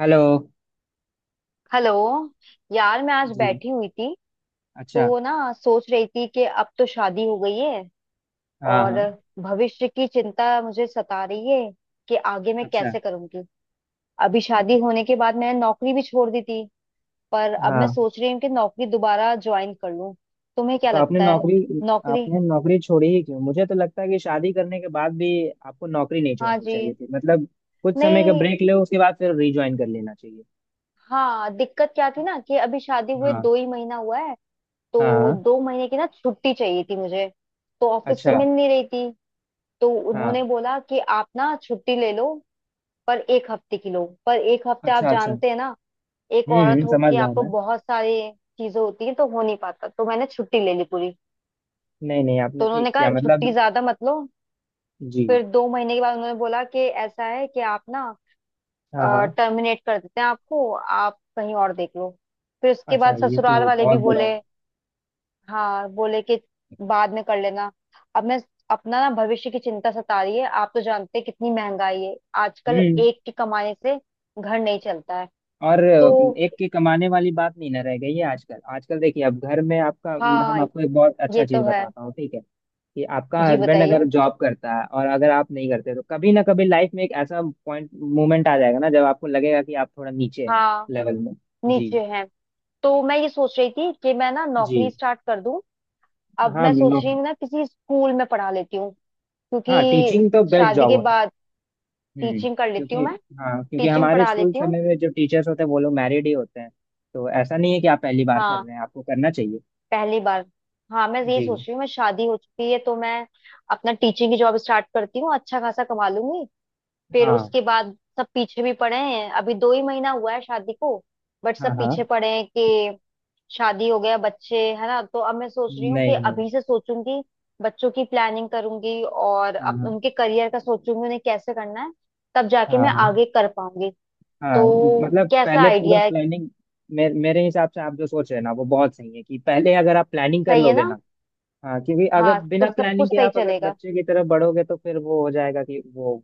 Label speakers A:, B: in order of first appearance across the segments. A: Hello.
B: Hello. यार मैं आज
A: जी।
B: बैठी हुई थी
A: अच्छा।
B: तो ना सोच रही थी कि अब तो शादी हो गई है
A: हाँ
B: और
A: हाँ।
B: भविष्य की चिंता मुझे सता रही है कि आगे मैं
A: अच्छा।
B: कैसे करूंगी। अभी शादी होने के बाद मैंने नौकरी भी छोड़ दी थी पर अब मैं
A: हाँ,
B: सोच रही हूँ कि नौकरी दोबारा ज्वाइन कर लूं। तुम्हें क्या
A: तो
B: लगता है? नौकरी।
A: आपने नौकरी छोड़ी ही क्यों? मुझे तो लगता है कि शादी करने के बाद भी आपको नौकरी नहीं
B: हाँ
A: छोड़नी
B: जी।
A: चाहिए थी। मतलब कुछ समय का
B: नहीं।
A: ब्रेक लो, उसके बाद फिर रिज्वाइन कर लेना चाहिए।
B: हाँ, दिक्कत क्या थी ना कि अभी शादी हुए
A: हाँ
B: 2 ही महीना हुआ है।
A: हाँ।
B: तो
A: हाँ,
B: दो महीने की ना छुट्टी चाहिए थी मुझे। तो ऑफिस से
A: अच्छा।
B: मिल नहीं रही थी। तो
A: हाँ।
B: उन्होंने बोला कि आप ना छुट्टी ले लो पर एक हफ्ते की लो, पर एक हफ्ते आप
A: अच्छा अच्छा।
B: जानते हैं ना। एक औरत हो
A: समझ
B: के
A: रहा हूँ
B: आपको
A: मैं।
B: बहुत सारी चीजें होती हैं तो हो नहीं पाता, तो मैंने छुट्टी ले ली पूरी।
A: नहीं नहीं,
B: तो
A: आपने ठीक
B: उन्होंने कहा
A: किया
B: छुट्टी
A: मतलब।
B: ज्यादा मत लो।
A: जी।
B: फिर दो महीने के बाद उन्होंने बोला कि ऐसा है कि आप ना
A: हाँ हाँ।
B: टर्मिनेट कर देते हैं आपको, आप कहीं और देख लो। फिर उसके
A: अच्छा,
B: बाद
A: ये
B: ससुराल
A: तो
B: वाले भी
A: बहुत बुरा
B: बोले।
A: हुआ।
B: हाँ, बोले कि बाद में कर लेना। अब मैं अपना ना भविष्य की चिंता सता रही है। आप तो जानते हैं कितनी महंगाई है आजकल।
A: हम्म।
B: एक की कमाने से घर नहीं चलता है।
A: और
B: तो
A: एक के कमाने वाली बात नहीं ना रह गई है आजकल। आजकल देखिए, अब घर में आपका, हम
B: हाँ,
A: आपको एक बहुत अच्छा
B: ये तो
A: चीज
B: है।
A: बताता हूँ, ठीक है, कि आपका
B: जी
A: हस्बैंड अगर
B: बताइए।
A: जॉब करता है और अगर आप नहीं करते, तो कभी ना कभी लाइफ में एक ऐसा पॉइंट, मोमेंट आ जाएगा ना, जब आपको लगेगा कि आप थोड़ा नीचे हैं
B: हाँ,
A: लेवल में। जी
B: नीचे हैं। तो मैं ये सोच रही थी कि मैं ना
A: जी।
B: नौकरी स्टार्ट कर दूं। अब
A: हाँ
B: मैं सोच रही
A: बिल्कुल।
B: हूँ ना किसी स्कूल में पढ़ा लेती हूँ।
A: हाँ,
B: क्योंकि
A: टीचिंग तो बेस्ट
B: शादी
A: जॉब
B: के
A: होता
B: बाद
A: है।
B: टीचिंग कर लेती हूँ
A: क्योंकि,
B: मैं।
A: हाँ, क्योंकि
B: टीचिंग
A: हमारे
B: पढ़ा
A: स्कूल
B: लेती हूँ।
A: समय में जो टीचर्स होते हैं वो लोग मैरिड ही होते हैं। तो ऐसा नहीं है कि आप पहली बार कर
B: हाँ,
A: रहे हैं, आपको करना चाहिए।
B: पहली बार। हाँ, मैं यही
A: जी।
B: सोच रही हूँ, मैं शादी हो चुकी है तो मैं अपना टीचिंग की जॉब स्टार्ट करती हूँ, अच्छा खासा कमा लूंगी। फिर
A: हाँ
B: उसके बाद सब पीछे भी पड़े हैं, अभी 2 ही महीना हुआ है शादी को। बट
A: हाँ।
B: सब
A: हाँ।
B: पीछे पड़े हैं कि शादी हो गया बच्चे है ना। तो अब मैं सोच रही हूँ कि
A: नहीं नहीं।
B: अभी से सोचूंगी, बच्चों की प्लानिंग करूंगी और
A: हाँ हाँ।
B: उनके करियर का सोचूंगी उन्हें कैसे करना है। तब जाके
A: हाँ
B: मैं
A: हाँ।
B: आगे कर पाऊंगी।
A: हाँ
B: तो
A: मतलब
B: कैसा
A: पहले पूरा
B: आइडिया है?
A: प्लानिंग। मेरे हिसाब से आप जो सोच रहे हैं ना, वो बहुत सही है कि पहले अगर आप प्लानिंग कर
B: सही है
A: लोगे
B: ना।
A: ना। हाँ, क्योंकि अगर
B: हाँ, तो
A: बिना
B: सब
A: प्लानिंग
B: कुछ
A: के
B: सही
A: आप अगर
B: चलेगा।
A: बच्चे की तरफ बढ़ोगे, तो फिर वो हो जाएगा कि वो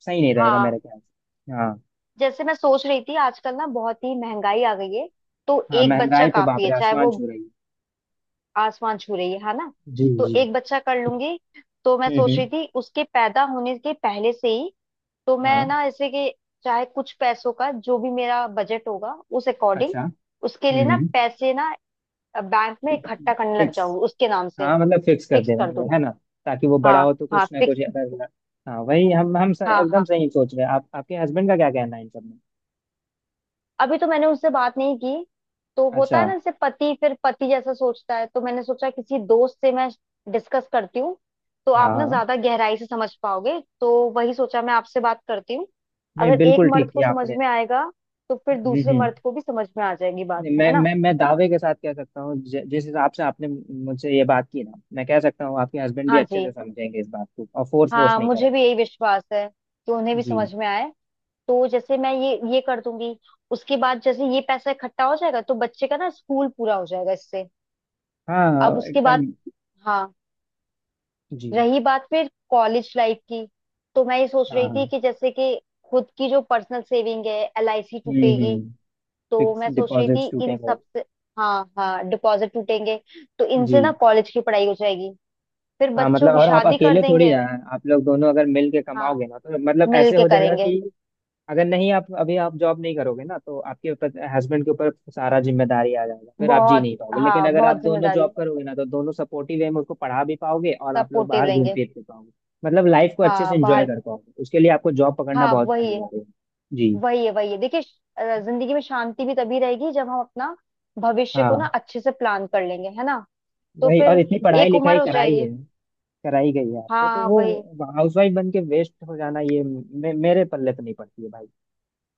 A: सही नहीं रहेगा
B: हाँ,
A: मेरे ख्याल से। हाँ।
B: जैसे मैं सोच रही थी आजकल ना बहुत ही महंगाई आ गई है। तो
A: हाँ,
B: एक बच्चा
A: महंगाई तो
B: काफी
A: बाप
B: है,
A: रे
B: चाहे
A: आसमान
B: वो
A: छू रही है।
B: आसमान छू रही है ना।
A: जी
B: तो
A: जी।
B: एक बच्चा कर लूंगी। तो मैं सोच
A: हम्म।
B: रही थी उसके पैदा होने के पहले से ही, तो
A: हाँ।
B: मैं ना ऐसे कि चाहे कुछ पैसों का जो भी मेरा बजट होगा, उस अकॉर्डिंग
A: अच्छा।
B: उसके लिए ना
A: हम्म।
B: पैसे ना बैंक में इकट्ठा करने लग
A: फिक्स।
B: जाऊंगी उसके नाम से।
A: हाँ मतलब फिक्स कर
B: फिक्स
A: दे रहे
B: कर
A: हैं,
B: दूंगी।
A: है ना, ताकि वो बड़ा
B: हाँ
A: हो तो
B: हाँ,
A: कुछ ना
B: फिक्स।
A: कुछ अगर ना-, हाँ वही।
B: हाँ
A: एकदम
B: हाँ,
A: सही सोच रहे हैं आप। आपके हस्बैंड का क्या कहना है इन सब में?
B: अभी तो मैंने उससे बात नहीं की। तो होता है
A: अच्छा।
B: ना, जैसे पति फिर पति जैसा सोचता है, तो मैंने सोचा किसी दोस्त से मैं डिस्कस करती हूँ। तो
A: हाँ
B: आप ना
A: हाँ।
B: ज्यादा गहराई से समझ पाओगे, तो वही सोचा मैं आपसे बात करती हूँ।
A: नहीं,
B: अगर एक
A: बिल्कुल ठीक
B: मर्द को
A: किया
B: समझ
A: आपने।
B: में आएगा तो फिर दूसरे
A: हम्म।
B: मर्द को भी समझ में आ जाएगी, बात
A: नहीं, मैं
B: है ना।
A: मैं मैं दावे के साथ कह सकता हूँ, जिस हिसाब से आपने मुझसे ये बात की ना, मैं कह सकता हूँ आपके हस्बैंड भी
B: हाँ
A: अच्छे
B: जी।
A: से समझेंगे इस बात को, और फोर्स फोर्स
B: हाँ,
A: नहीं
B: मुझे
A: करेंगे।
B: भी यही विश्वास है कि उन्हें भी
A: जी।
B: समझ में आए। तो जैसे मैं ये कर दूंगी, उसके बाद जैसे ये पैसा इकट्ठा हो जाएगा तो बच्चे का ना स्कूल पूरा हो जाएगा इससे।
A: हाँ
B: अब
A: हाँ,
B: उसके
A: एकदम।
B: बाद, हाँ,
A: जी।
B: रही बात फिर कॉलेज लाइफ की। तो मैं ये सोच
A: हाँ
B: रही थी
A: हाँ।
B: कि जैसे कि खुद की जो पर्सनल सेविंग है, एलआईसी टूटेगी।
A: हम्म।
B: तो
A: फिक्स
B: मैं सोच रही थी
A: डिपॉजिट
B: इन
A: टूटेंगे।
B: सब से। हाँ हाँ, डिपॉजिट टूटेंगे। तो
A: जी।
B: इनसे ना कॉलेज की पढ़ाई हो जाएगी। फिर
A: हाँ
B: बच्चों
A: मतलब,
B: की
A: और आप
B: शादी कर
A: अकेले थोड़ी
B: देंगे।
A: ना हैं। आप लोग दोनों अगर मिल के
B: हाँ,
A: कमाओगे ना, तो मतलब
B: मिल
A: ऐसे
B: के
A: हो जाएगा
B: करेंगे।
A: कि, अगर नहीं, आप अभी आप जॉब नहीं करोगे ना तो आपके ऊपर, हस्बैंड के ऊपर सारा जिम्मेदारी आ जाएगा, फिर आप जी
B: बहुत,
A: नहीं पाओगे। लेकिन
B: हाँ
A: अगर
B: बहुत
A: आप दोनों
B: जिम्मेदारी।
A: जॉब करोगे ना, तो दोनों सपोर्टिव वे में उसको पढ़ा भी पाओगे और आप लोग
B: सपोर्टिव
A: बाहर घूम
B: रहेंगे।
A: फिर भी पाओगे। मतलब लाइफ को अच्छे
B: हाँ,
A: से एंजॉय
B: बाहर।
A: कर पाओगे। उसके लिए आपको जॉब पकड़ना
B: हाँ,
A: बहुत
B: वही है।
A: अनिवार्य है। जी।
B: वही है, वही है, देखिए। जिंदगी में शांति भी तभी रहेगी जब हम अपना भविष्य को ना
A: हाँ
B: अच्छे से प्लान कर लेंगे, है ना। तो
A: वही। और
B: फिर
A: इतनी पढ़ाई
B: एक उम्र
A: लिखाई
B: हो
A: कराई
B: जाएगी।
A: है, कराई गई है आपको, तो
B: हाँ, वही।
A: वो हाउसवाइफ बन के वेस्ट हो जाना, ये मेरे पल्ले पे नहीं पड़ती है भाई।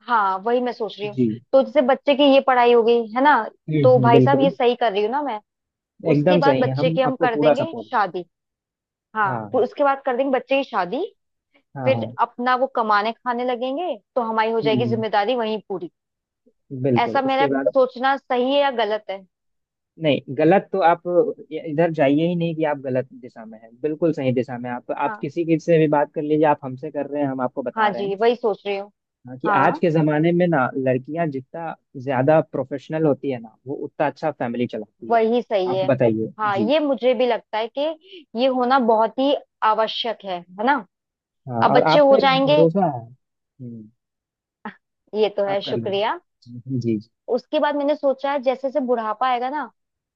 B: हाँ, वही मैं सोच रही हूँ।
A: जी।
B: तो जैसे बच्चे की ये पढ़ाई हो गई है ना। तो भाई साहब,
A: बिल्कुल।
B: ये सही कर रही हूँ ना मैं। उसके
A: एकदम
B: बाद
A: सही है,
B: बच्चे
A: हम
B: की हम
A: आपको
B: कर
A: पूरा
B: देंगे
A: सपोर्ट दें।
B: शादी। हाँ,
A: हाँ
B: फिर
A: हाँ।
B: उसके बाद कर देंगे बच्चे की शादी।
A: हाँ
B: फिर
A: हाँ।
B: अपना वो कमाने खाने लगेंगे तो हमारी हो जाएगी
A: हम्म।
B: जिम्मेदारी वहीं पूरी।
A: बिल्कुल,
B: ऐसा
A: उसके
B: मेरा
A: बाद।
B: सोचना सही है या गलत है?
A: नहीं, गलत तो आप इधर जाइए ही नहीं कि आप गलत दिशा में हैं। बिल्कुल सही दिशा में हैं। आप
B: हाँ
A: किसी के से भी बात कर लीजिए, आप हमसे कर रहे हैं, हम आपको बता
B: हाँ
A: रहे हैं।
B: जी, वही सोच रही हूँ।
A: हाँ, कि आज
B: हाँ,
A: के जमाने में ना लड़कियां जितना ज्यादा प्रोफेशनल होती है ना, वो उतना अच्छा फैमिली चलाती है।
B: वही सही
A: आप
B: है।
A: बताइए
B: हाँ,
A: जी।
B: ये मुझे भी लगता है कि ये होना बहुत ही आवश्यक है ना।
A: हाँ,
B: अब
A: और
B: बच्चे
A: आप
B: हो
A: पे
B: जाएंगे।
A: भरोसा है। हम्म।
B: आह, ये तो है
A: आप कर लो।
B: शुक्रिया।
A: जी जी जी।
B: उसके बाद मैंने सोचा है, जैसे जैसे बुढ़ापा आएगा ना,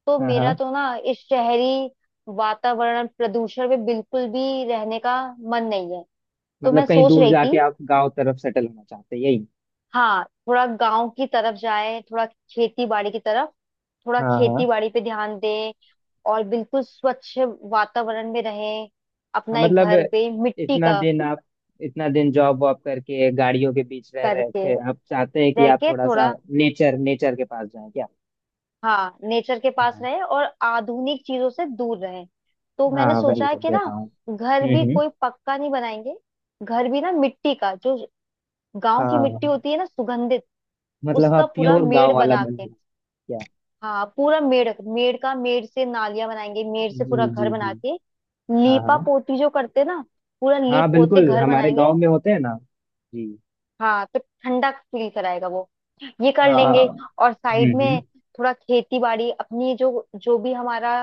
B: तो
A: हाँ
B: मेरा
A: हाँ,
B: तो ना इस शहरी वातावरण प्रदूषण में बिल्कुल भी रहने का मन नहीं है। तो
A: मतलब
B: मैं
A: कहीं
B: सोच
A: दूर
B: रही
A: जाके
B: थी,
A: आप गांव तरफ सेटल होना चाहते हैं, यही?
B: हाँ, थोड़ा गांव की तरफ जाए, थोड़ा खेती बाड़ी की तरफ। थोड़ा
A: हाँ हाँ।
B: खेती बाड़ी पे ध्यान दें और बिल्कुल स्वच्छ वातावरण में रहें,
A: हाँ
B: अपना एक
A: मतलब
B: घर पे मिट्टी
A: इतना
B: का
A: दिन आप, इतना दिन जॉब वॉब करके गाड़ियों के बीच रह रहे
B: करके,
A: थे, आप चाहते हैं कि
B: रह
A: आप
B: के
A: थोड़ा सा
B: थोड़ा।
A: नेचर नेचर के पास जाएं क्या?
B: हाँ, नेचर के पास
A: हाँ।
B: रहे और आधुनिक चीजों से दूर रहे। तो
A: हाँ
B: मैंने
A: वही
B: सोचा है
A: सब
B: कि ना
A: देता हूँ।
B: घर भी
A: हम्म।
B: कोई पक्का नहीं बनाएंगे। घर भी ना मिट्टी का, जो गांव की मिट्टी
A: हाँ
B: होती है ना सुगंधित,
A: मतलब
B: उसका
A: आप
B: पूरा
A: प्योर
B: मेड़
A: गांव वाला
B: बना
A: बनना
B: के।
A: चाहते हैं क्या?
B: हाँ, पूरा मेड़, मेड़ का, मेड़ से नालियां बनाएंगे, मेड़ से पूरा
A: जी
B: घर
A: जी
B: बना
A: जी।
B: के
A: हाँ
B: लीपा
A: हाँ,
B: पोती जो करते हैं ना, पूरा
A: हाँ
B: लीप पोत के
A: बिल्कुल,
B: घर
A: हमारे गांव
B: बनाएंगे।
A: में होते हैं ना। जी।
B: हाँ, तो ठंडा फील कराएगा वो। ये कर
A: हाँ।
B: लेंगे। और साइड
A: हम्म।
B: में थोड़ा खेती बाड़ी अपनी, जो जो भी हमारा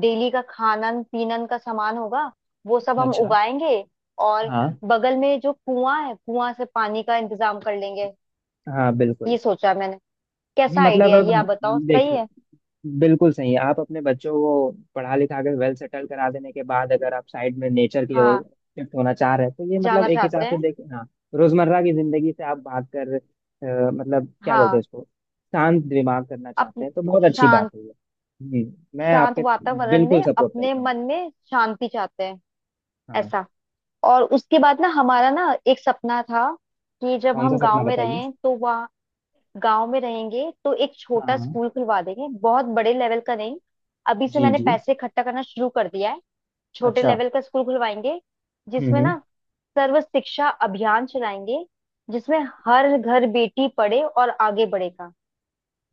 B: डेली का खानन पीनन का सामान होगा, वो सब हम
A: अच्छा।
B: उगाएंगे। और
A: हाँ।
B: बगल में जो कुआं है, कुआं से पानी का इंतजाम कर लेंगे।
A: हाँ बिल्कुल।
B: ये सोचा है मैंने। कैसा
A: मतलब
B: आइडिया है
A: अब,
B: ये, आप बताओ सही
A: देखिए,
B: है?
A: बिल्कुल सही है। आप अपने बच्चों को पढ़ा लिखा के वेल सेटल करा देने के बाद अगर आप साइड में नेचर की ओर
B: हाँ,
A: शिफ्ट होना चाह रहे हैं, तो ये मतलब
B: जाना
A: एक हिसाब
B: चाहते
A: से
B: हैं।
A: देखें। हाँ, रोजमर्रा की जिंदगी से आप भाग कर मतलब क्या बोलते हैं
B: हाँ,
A: उसको, शांत दिमाग करना
B: अप
A: चाहते हैं, तो बहुत अच्छी बात
B: शांत
A: है ये। जी। मैं
B: शांत
A: आपके
B: वातावरण
A: बिल्कुल
B: में
A: सपोर्ट
B: अपने
A: करता हूँ।
B: मन में शांति चाहते हैं
A: हाँ।
B: ऐसा। और उसके बाद ना हमारा ना एक सपना था कि जब
A: कौन सा
B: हम गांव
A: सपना,
B: में
A: बताइए।
B: रहें तो वहाँ गांव में रहेंगे तो एक छोटा
A: हाँ।
B: स्कूल खुलवा देंगे, बहुत बड़े लेवल का नहीं। अभी से
A: जी
B: मैंने
A: जी।
B: पैसे इकट्ठा करना शुरू कर दिया है। छोटे
A: अच्छा।
B: लेवल का स्कूल खुलवाएंगे, जिसमें
A: हम्म।
B: ना सर्व शिक्षा अभियान चलाएंगे, जिसमें हर घर बेटी पढ़े और आगे बढ़ेगा।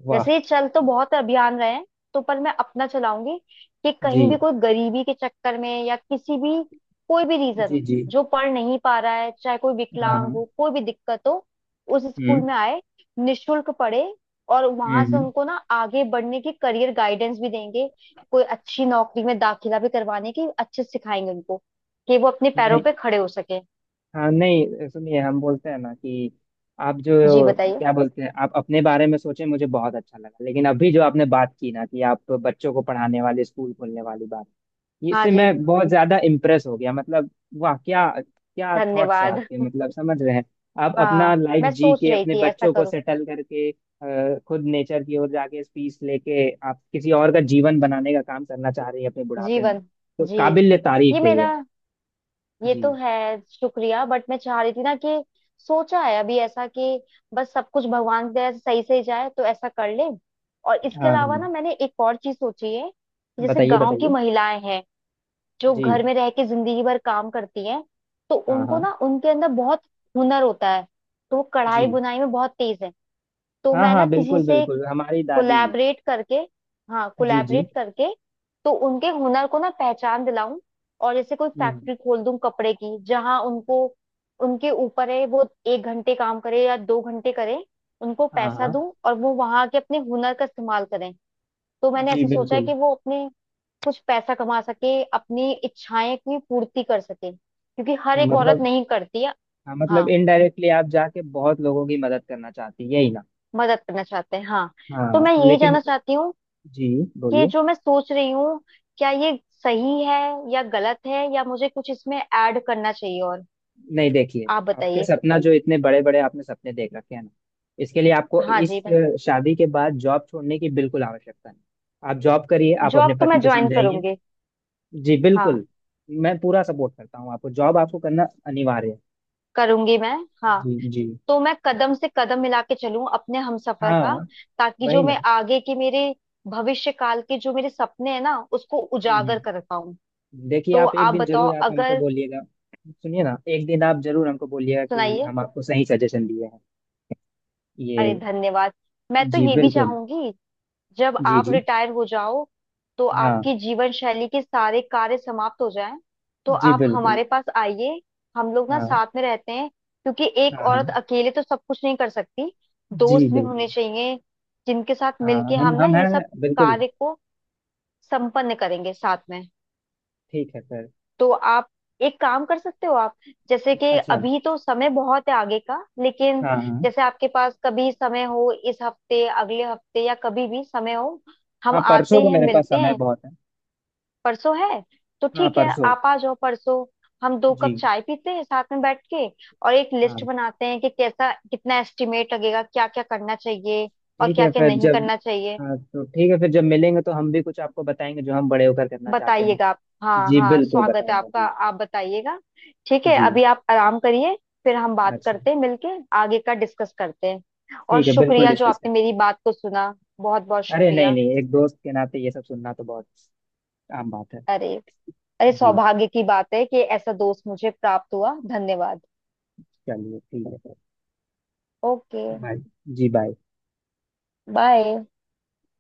A: वाह।
B: वैसे ये चल तो बहुत अभियान रहे हैं, तो पर मैं अपना चलाऊंगी कि कहीं
A: जी
B: भी कोई गरीबी के चक्कर में या किसी भी कोई भी रीजन
A: जी
B: हो
A: जी।
B: जो पढ़ नहीं पा रहा है, चाहे कोई
A: हाँ
B: विकलांग
A: हाँ।
B: हो कोई भी दिक्कत हो, उस स्कूल
A: हम्म
B: में आए, निशुल्क पढ़े। और
A: हम्म।
B: वहां से
A: हम्म।
B: उनको ना आगे बढ़ने की करियर गाइडेंस भी देंगे। कोई अच्छी नौकरी में दाखिला भी करवाने की अच्छे से सिखाएंगे उनको, कि वो अपने पैरों
A: नहीं,
B: पे खड़े हो सके।
A: हाँ नहीं, सुनिए, हम बोलते हैं ना कि आप जो,
B: जी बताइए।
A: क्या बोलते हैं, आप अपने बारे में सोचे, मुझे बहुत अच्छा लगा। लेकिन अभी जो आपने बात की ना कि आप बच्चों को पढ़ाने वाले स्कूल खोलने वाली बात,
B: हाँ
A: इससे
B: जी,
A: मैं बहुत ज्यादा इम्प्रेस हो गया, मतलब वाह! क्या क्या थॉट्स है
B: धन्यवाद।
A: आपके, मतलब समझ रहे हैं। आप अपना
B: हाँ,
A: लाइफ
B: मैं
A: जी
B: सोच
A: के
B: रही
A: अपने
B: थी ऐसा
A: बच्चों को
B: करूँ
A: सेटल करके खुद नेचर की ओर जाके पीस लेके आप किसी और का जीवन बनाने का काम करना चाह रही हैं अपने बुढ़ापे में।
B: जीवन।
A: तो
B: जी,
A: काबिल
B: ये
A: तारीफ है ये।
B: मेरा। ये
A: जी।
B: तो है शुक्रिया, बट मैं चाह रही थी ना कि सोचा है अभी ऐसा कि बस सब कुछ भगवान की दया से सही से ही जाए तो ऐसा कर ले। और इसके
A: हाँ
B: अलावा
A: हाँ।
B: ना मैंने एक और चीज सोची है। जैसे
A: बताइए
B: गांव की
A: बताइए।
B: महिलाएं हैं जो
A: जी।
B: घर में रह के जिंदगी भर काम करती हैं, तो
A: हाँ
B: उनको
A: हाँ।
B: ना उनके अंदर बहुत हुनर होता है। तो वो कढ़ाई
A: जी।
B: बुनाई में बहुत तेज है। तो
A: हाँ
B: मैं ना
A: हाँ
B: किसी
A: बिल्कुल
B: से
A: बिल्कुल, हमारी दादी भी।
B: कोलैबोरेट करके, हाँ,
A: जी जी।
B: कोलैबोरेट करके, तो उनके हुनर को ना पहचान दिलाऊं। और जैसे कोई
A: हम्म।
B: फैक्ट्री खोल दूं कपड़े की, जहां उनको, उनके ऊपर है वो एक घंटे काम करे या 2 घंटे करे। उनको
A: हाँ
B: पैसा
A: हाँ।
B: दूं और वो वहां के अपने हुनर का इस्तेमाल करें। तो मैंने
A: जी
B: ऐसा सोचा है
A: बिल्कुल।
B: कि वो अपने कुछ पैसा कमा सके, अपनी इच्छाएं की पूर्ति कर सके, क्योंकि हर एक औरत
A: मतलब,
B: नहीं करती है।
A: हाँ मतलब
B: हाँ,
A: इनडायरेक्टली आप जाके बहुत लोगों की मदद करना चाहती है, यही ना?
B: मदद करना चाहते हैं हाँ। तो
A: हाँ
B: मैं यही
A: लेकिन,
B: जानना चाहती हूँ,
A: जी,
B: ये
A: बोलिए।
B: जो मैं सोच रही हूँ, क्या ये सही है या गलत है, या मुझे कुछ इसमें ऐड करना चाहिए? और
A: नहीं देखिए,
B: आप
A: आपके
B: बताइए।
A: सपना जो इतने बड़े बड़े आपने सपने देख रखे हैं ना, इसके लिए आपको
B: हाँ
A: इस
B: जी, मैं,
A: शादी के बाद जॉब छोड़ने की बिल्कुल आवश्यकता नहीं। आप जॉब करिए, आप अपने
B: जॉब तो
A: पति
B: मैं
A: को
B: ज्वाइन
A: समझाइए।
B: करूंगी।
A: जी
B: हाँ,
A: बिल्कुल। मैं पूरा सपोर्ट करता हूँ आपको, जॉब आपको करना अनिवार्य है।
B: करूंगी मैं। हाँ,
A: जी जी।
B: तो मैं कदम से कदम मिला के चलूं अपने हमसफर का,
A: हाँ
B: ताकि
A: वही
B: जो
A: ना।
B: मैं आगे के मेरे भविष्य काल के जो मेरे सपने हैं ना उसको
A: हम्म
B: उजागर कर
A: हम्म।
B: पाऊं।
A: देखिए,
B: तो
A: आप एक
B: आप
A: दिन
B: बताओ,
A: जरूर आप हमको
B: अगर,
A: बोलिएगा, सुनिए ना, एक दिन आप जरूर हमको बोलिएगा कि
B: सुनाइए।
A: हम आपको सही सजेशन दिए हैं ये।
B: अरे, धन्यवाद। मैं तो
A: जी
B: ये भी
A: बिल्कुल।
B: चाहूंगी, जब
A: जी
B: आप
A: जी।
B: रिटायर हो जाओ तो
A: हाँ।
B: आपकी जीवन शैली के सारे कार्य समाप्त हो जाएं, तो
A: जी
B: आप
A: बिल्कुल।
B: हमारे पास आइए। हम लोग ना
A: हाँ
B: साथ में रहते हैं, क्योंकि एक
A: हाँ। हाँ।
B: औरत अकेले तो सब कुछ नहीं कर सकती,
A: जी
B: दोस्त भी
A: बिल्कुल।
B: होने चाहिए जिनके साथ
A: हाँ,
B: मिलके हम ना
A: हम
B: ये
A: हैं
B: सब
A: बिल्कुल।
B: कार्य को संपन्न करेंगे साथ में।
A: ठीक है सर।
B: तो आप एक काम कर सकते हो आप, जैसे कि
A: अच्छा।
B: अभी तो समय बहुत है आगे का, लेकिन
A: हाँ हाँ।
B: जैसे आपके पास कभी समय हो, इस हफ्ते, अगले हफ्ते, या कभी भी समय हो, हम
A: हाँ
B: आते
A: परसों को
B: हैं
A: मेरे पास
B: मिलते
A: समय
B: हैं।
A: बहुत है।
B: परसों है, तो
A: हाँ
B: ठीक है,
A: परसों।
B: आप आ जाओ परसों। हम 2
A: जी।
B: कप चाय पीते हैं साथ में बैठ के और एक लिस्ट
A: हाँ
B: बनाते हैं कि कैसा, कितना एस्टिमेट लगेगा, क्या क्या करना चाहिए और
A: ठीक
B: क्या
A: है,
B: क्या
A: फिर
B: नहीं
A: जब,
B: करना चाहिए।
A: हाँ तो ठीक है फिर जब मिलेंगे तो हम भी कुछ आपको बताएंगे जो हम बड़े होकर करना चाहते हैं।
B: बताइएगा आप, हाँ
A: जी
B: हाँ,
A: बिल्कुल
B: स्वागत है
A: बताऊंगा
B: आपका,
A: जी।
B: आप बताइएगा। ठीक है,
A: जी।
B: अभी आप आराम करिए। फिर हम बात
A: अच्छा।
B: करते हैं मिलके, आगे का डिस्कस करते हैं। और
A: ठीक है, बिल्कुल
B: शुक्रिया जो
A: डिस्कस
B: आपने
A: करें।
B: मेरी बात को सुना, बहुत बहुत
A: अरे नहीं
B: शुक्रिया।
A: नहीं, एक दोस्त के नाते ये सब सुनना तो बहुत आम बात है।
B: अरे, अरे,
A: जी।
B: सौभाग्य की बात है कि ऐसा दोस्त मुझे प्राप्त हुआ, धन्यवाद।
A: चलिए ठीक है।
B: Okay,
A: bye. जी, बाय।
B: बाय।